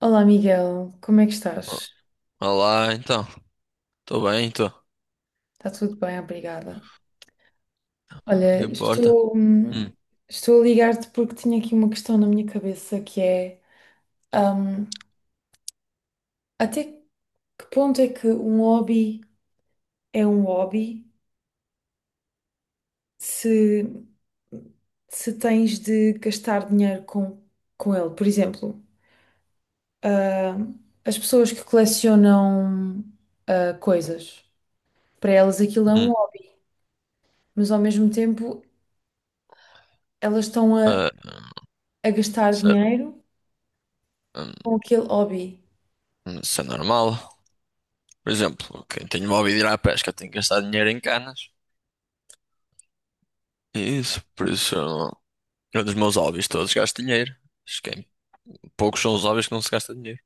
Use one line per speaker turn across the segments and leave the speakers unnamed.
Olá, Miguel, como é que
O-
estás?
Olá, então. Tô bem, tô.
Está tudo bem, obrigada.
O que
Olha,
importa?
estou,
Hum,
estou a ligar-te porque tinha aqui uma questão na minha cabeça que é, hum, até que ponto é que um hobby é um hobby se, se tens de gastar dinheiro com ele? Por exemplo, hum, as pessoas que colecionam, coisas, para elas aquilo é
hum,
um hobby, mas ao mesmo tempo elas estão a
ah, hum,
a gastar
isso é,
dinheiro
hum,
com aquele hobby.
isso é normal. Por exemplo, quem tem um hobby de ir à pesca tem que gastar dinheiro em canas. É isso, eu dos meus hobbies todos gasto dinheiro. Acho que é- Poucos são os hobbies que não se gasta dinheiro.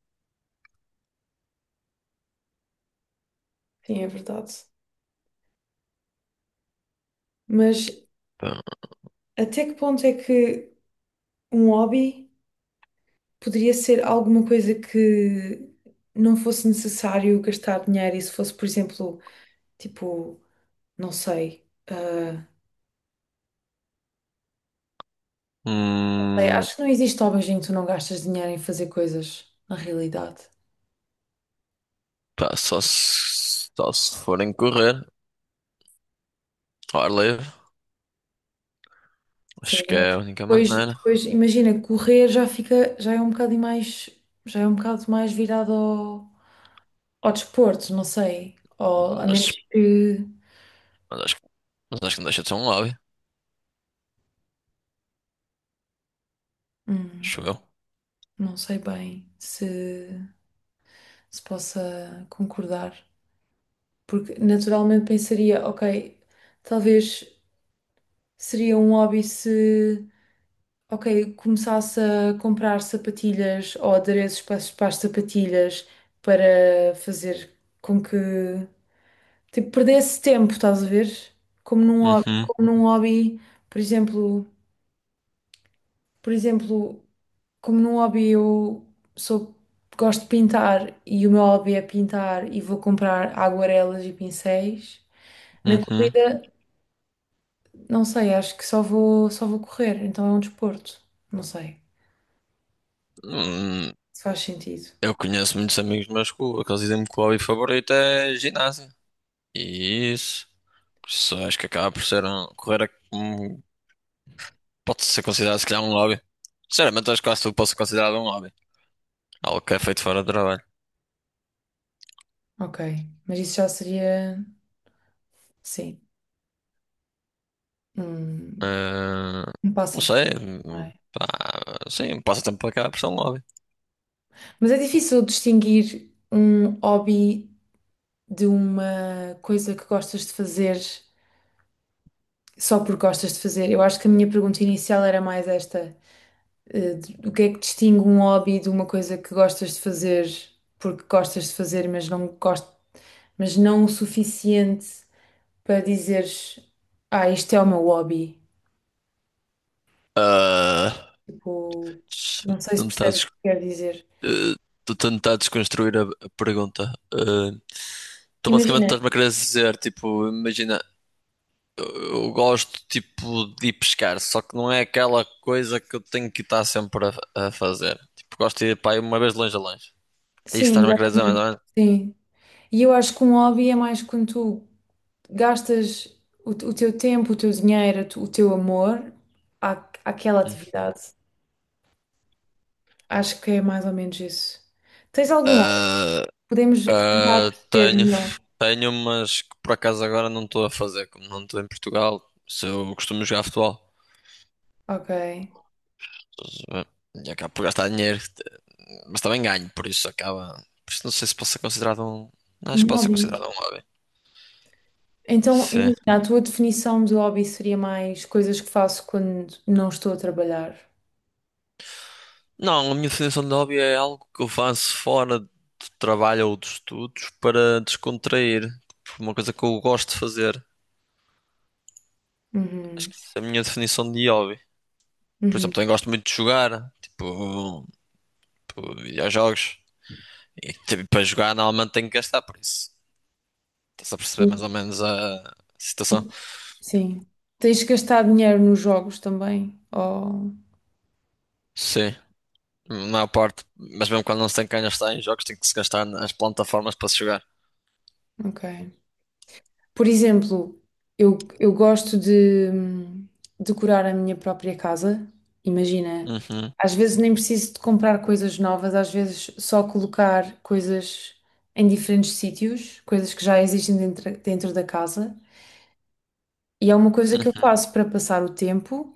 Sim, é verdade. Mas
Pá,
até que ponto é que um hobby poderia ser alguma coisa que não fosse necessário gastar dinheiro e se fosse, por exemplo, tipo, não sei. Sei,
hum,
acho que não existe hobbies em que tu não gastas dinheiro em fazer coisas, na realidade.
Pá, só se forem correr ao ar livre.
Sim,
Acho que
mas
é a única
depois,
maneira.
depois imagina, correr já fica, já é um bocado mais, já é um bocado mais virado ao, ao desporto, não sei. Ou a
Mas,
menos que.
mas acho, que- mas acho que não deixa de ser um hobby.
hum,
Acho eu.
Não sei bem se, se possa concordar, porque naturalmente pensaria, ok, talvez seria um hobby se, ok, começasse a comprar sapatilhas ou adereços para, para as sapatilhas para fazer com que, tipo, perdesse tempo, estás a ver?
Uhum,
Como num hobby, por exemplo, por exemplo. Como num hobby eu sou, gosto de pintar e o meu hobby é pintar e vou comprar aguarelas e pincéis. Na
uhum.
corrida, não sei, acho que só vou correr, então é um desporto. Não sei
Hum,
se faz sentido.
eu conheço muitos amigos meus aqueles dizem-me que o hobby favorito é ginásio. E isso acho que acaba por ser um, pode ser considerado se calhar um hobby. Sinceramente, acho que quase tudo pode ser considerado um hobby. Algo que é feito fora do trabalho.
Ok, mas isso já seria, sim, um,
Ah,
um
não sei,
passatempo. Não é?
pá, sim, um passatempo acaba por ser um hobby.
Mas é difícil distinguir um hobby de uma coisa que gostas de fazer só porque gostas de fazer. Eu acho que a minha pergunta inicial era mais esta. Eh, O que é que distingue um hobby de uma coisa que gostas de fazer porque gostas de fazer, mas não mas não o suficiente para dizeres, ah, isto é o meu hobby.
Ah,
Tipo, não sei se
tentar,
percebes o
des-
que quero dizer.
eh, Tô tentar desconstruir a pergunta. Tu basicamente
Imagina,
estás-me a querer dizer, tipo, imagina. Eu gosto tipo de ir pescar, só que não é aquela coisa que eu tenho que estar sempre a fazer. Tipo, gosto de ir para aí uma vez de longe a longe. É isso que
sim,
estás-me a querer dizer, mais
exatamente.
ou menos?
Sim. E eu acho que um hobby é mais quando tu gastas o teu tempo, o teu dinheiro, o teu amor à, àquela
Uhum.
atividade. Acho que é mais ou menos isso. Tens algum hobby?
Ah,
Podemos tentar
ah,
perceber
tenho,
melhor.
Tenho, mas que por acaso agora não estou a fazer, como não estou em Portugal. Se eu costumo jogar futebol,
Ok.
e acabo por gastar dinheiro, mas também ganho, por isso acaba. Por isso não sei se posso ser considerado um. Não acho
Um
que posso ser
hobby.
considerado um hobby.
Então,
Sim.
imagina, a tua definição de hobby seria mais coisas que faço quando não estou a trabalhar.
Não, a minha definição de hobby é algo que eu faço fora do trabalho ou dos estudos para descontrair. Tipo, uma coisa que eu gosto de fazer. Acho
Uhum.
que essa é a minha definição de hobby. Por exemplo,
Uhum.
também gosto muito de jogar, tipo videojogos. E tipo, para jogar normalmente tenho que gastar, por isso. Estás a perceber mais ou menos a situação?
Sim. Tens gastado dinheiro nos jogos também? Oh,
Sim, na maior parte. Mas mesmo quando não se tem que gastar em jogos, tem que se gastar nas plataformas para se jogar.
ok. Por exemplo, eu gosto de decorar a minha própria casa. Imagina,
Uhum,
às vezes nem preciso de comprar coisas novas, às vezes só colocar coisas em diferentes sítios, coisas que já existem dentro, dentro da casa. E é uma coisa que eu
uhum,
faço para passar o tempo,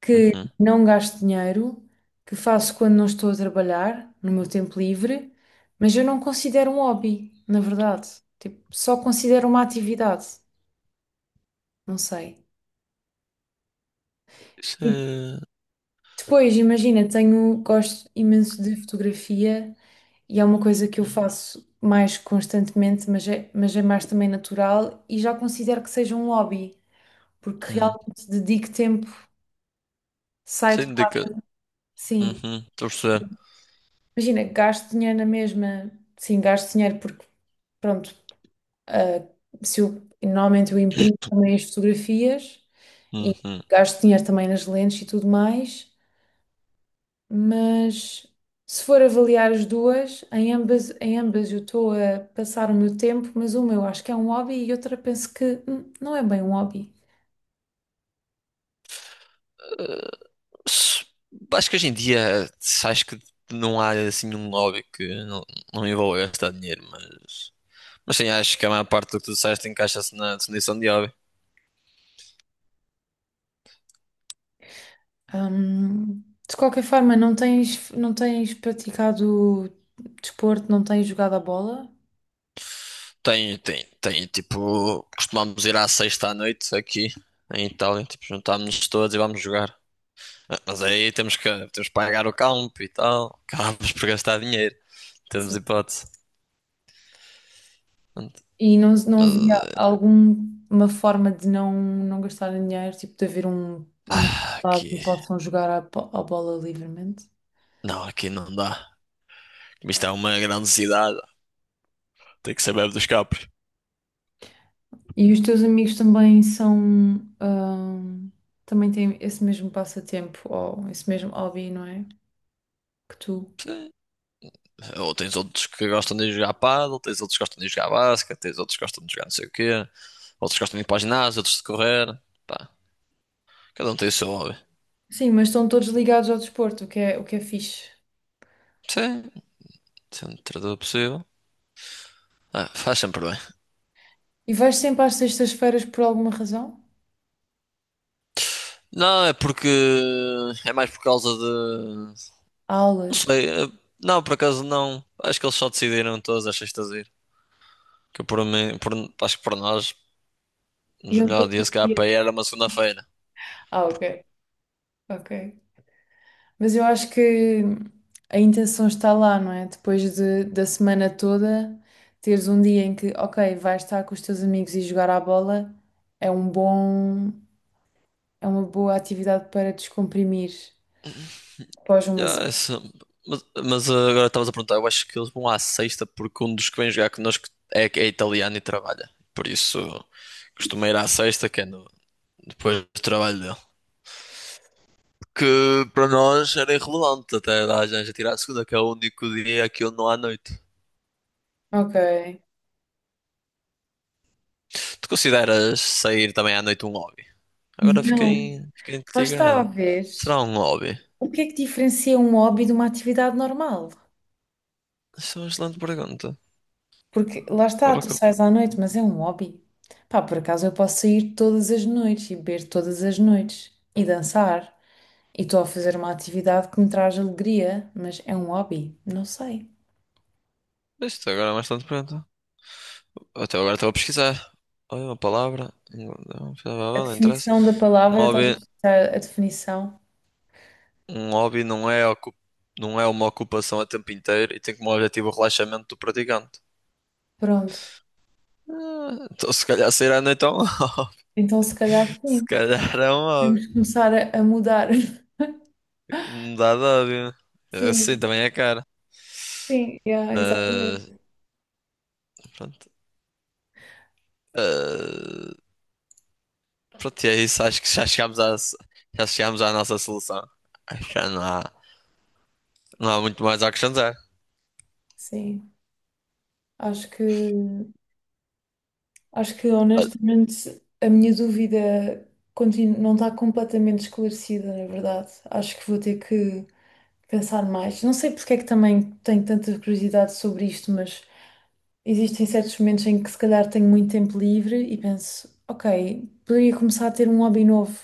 que
uhum.
não gasto dinheiro, que faço quando não estou a trabalhar, no meu tempo livre, mas eu não considero um hobby, na verdade. Tipo, só considero uma atividade. Não sei.
Isso é-
Depois, imagina, tenho, gosto imenso de fotografia e é uma coisa que eu faço mais constantemente, mas é mais também natural e já considero que seja um hobby, porque
Hum.
realmente dedico tempo, saio de
Sem
casa. Sim,
Uhum, estou a perceber.
imagina, gasto dinheiro na mesma, sim, gasto dinheiro porque, pronto, ah, se eu, normalmente eu imprimo também as fotografias e
Uhum.
gasto dinheiro também nas lentes e tudo mais. Mas se for avaliar as duas, em ambas eu estou a passar o meu tempo, mas uma eu acho que é um hobby e outra penso que não é bem um hobby.
Mas Acho que hoje em dia, acho que não há assim um hobby que não, não envolva gastar dinheiro, mas sim, acho que a maior parte do que tu disseste encaixa-se na definição de hobby.
Hum, de qualquer forma, não tens, não tens praticado desporto, não tens jogado a bola.
Tem, tipo, costumamos ir à sexta à noite aqui em Itália, tipo, juntámos-nos todos e vamos jogar. Ah, mas aí temos que pagar o campo e tal, acabamos por gastar dinheiro, temos
Sim.
hipótese. Mas
E não, não havia alguma forma de não, não gastarem dinheiro, tipo de haver um, um
ah,
resultado em
aqui,
que possam jogar a, a bola livremente?
não, aqui não dá. Mas isto é uma grande cidade, tem que saber dos capos.
E os teus amigos também são, ahm, também têm esse mesmo passatempo ou esse mesmo hobby, não é? Que tu.
Ou tens outros que gostam de ir jogar pádel, tens outros que gostam de ir jogar basquete, tens outros que gostam de jogar não sei o quê, outros que gostam de ir para o ginásio, outros de correr. Pá, cada um tem o seu hobby.
Sim, mas estão todos ligados ao desporto, o que é fixe.
Sim, sendo tradutor possível. Ah, faz sempre bem.
E vais sempre às sextas-feiras por alguma razão?
Não, é porque. É mais por causa de. Não
Aulas.
sei. Não, por acaso não. Acho que eles só decidiram todas as sextas ir. Que por mim, por- Acho que por nós, nos
Iam
melhores
todos os
dias, se calhar
dias.
para ir era uma segunda-feira.
Ah, ok, ok. Mas eu acho que a intenção está lá, não é? Depois de, da semana toda, teres um dia em que, ok, vais estar com os teus amigos e jogar à bola, é um bom. É uma boa atividade para descomprimir após uma
Ah,
semana.
isso- mas, ah, agora estavas a perguntar, eu acho que eles vão à sexta porque um dos que vem jogar connosco é italiano e trabalha. Por isso costuma ir à sexta, que é no- depois do trabalho dele. Que para nós era irrelevante até dar a gente a tirar a segunda, que é o único dia que eu não há noite.
Ok.
Tu consideras sair também à noite um hobby?
Não.
Fiquei
Lá está a
intrigado.
ver.
Será um hobby?
O que é que diferencia um hobby de uma atividade normal?
Isso é uma excelente pergunta.
Porque lá está,
Agora
tu
que eu...
sais à noite, mas é um hobby. Pá, por acaso eu posso sair todas as noites e beber todas as noites e dançar. E estou a fazer uma atividade que me traz alegria, mas é um hobby. Não sei.
Isto agora é uma excelente pergunta. Até agora estou a pesquisar. Olha uma palavra. Não,
A
não interessa.
definição da
Um
palavra, estás a
hobby,
pensar a definição?
Um hobby não é uma ocupação a tempo inteiro e tem como objetivo o relaxamento do praticante.
Pronto.
Ah, então se calhar sair à noite é um hobby.
Então, se calhar,
Se
sim.
calhar é um hobby.
Temos que começar a mudar.
Me de hobby. Assim
Sim,
também é cara.
sim, yeah,
Mas,
exatamente.
pronto. Ah, pronto, e é isso. Acho que já chegámos à nossa solução. Acho que já não há, não há muito mais a acrescentar.
Sim, acho que acho que
Ah,
honestamente a minha dúvida não está completamente esclarecida, na verdade. Acho que vou ter que pensar mais. Não sei porque é que também tenho tanta curiosidade sobre isto, mas existem certos momentos em que se calhar tenho muito tempo livre e penso, ok, poderia começar a ter um hobby novo.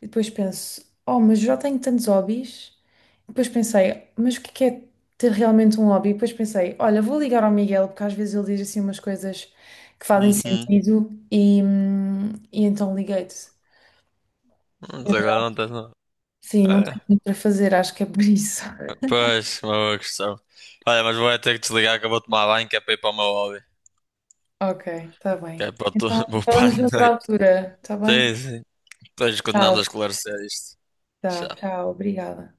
E depois penso, oh, mas já tenho tantos hobbies. E depois pensei, mas o que é ter realmente um hobby? E depois pensei, olha, vou ligar ao Miguel, porque às vezes ele diz assim umas coisas que fazem
uhum.
sentido e então liguei-te.
Mas
Na
agora
verdade,
não tens nada.
sim, não
É,
tenho muito para fazer, acho que é por isso.
pois, uma questão. Olha, mas vou é ter que desligar que eu vou tomar banho, que é para ir para o meu hobby.
Ok, está
Que
bem.
é para o teu-
Então,
Vou para a
falamos noutra
noite.
altura, está bem?
Sim, sim. Depois continuamos a
Tá,
esclarecer isto.
tá,
Tchau.
tchau, obrigada.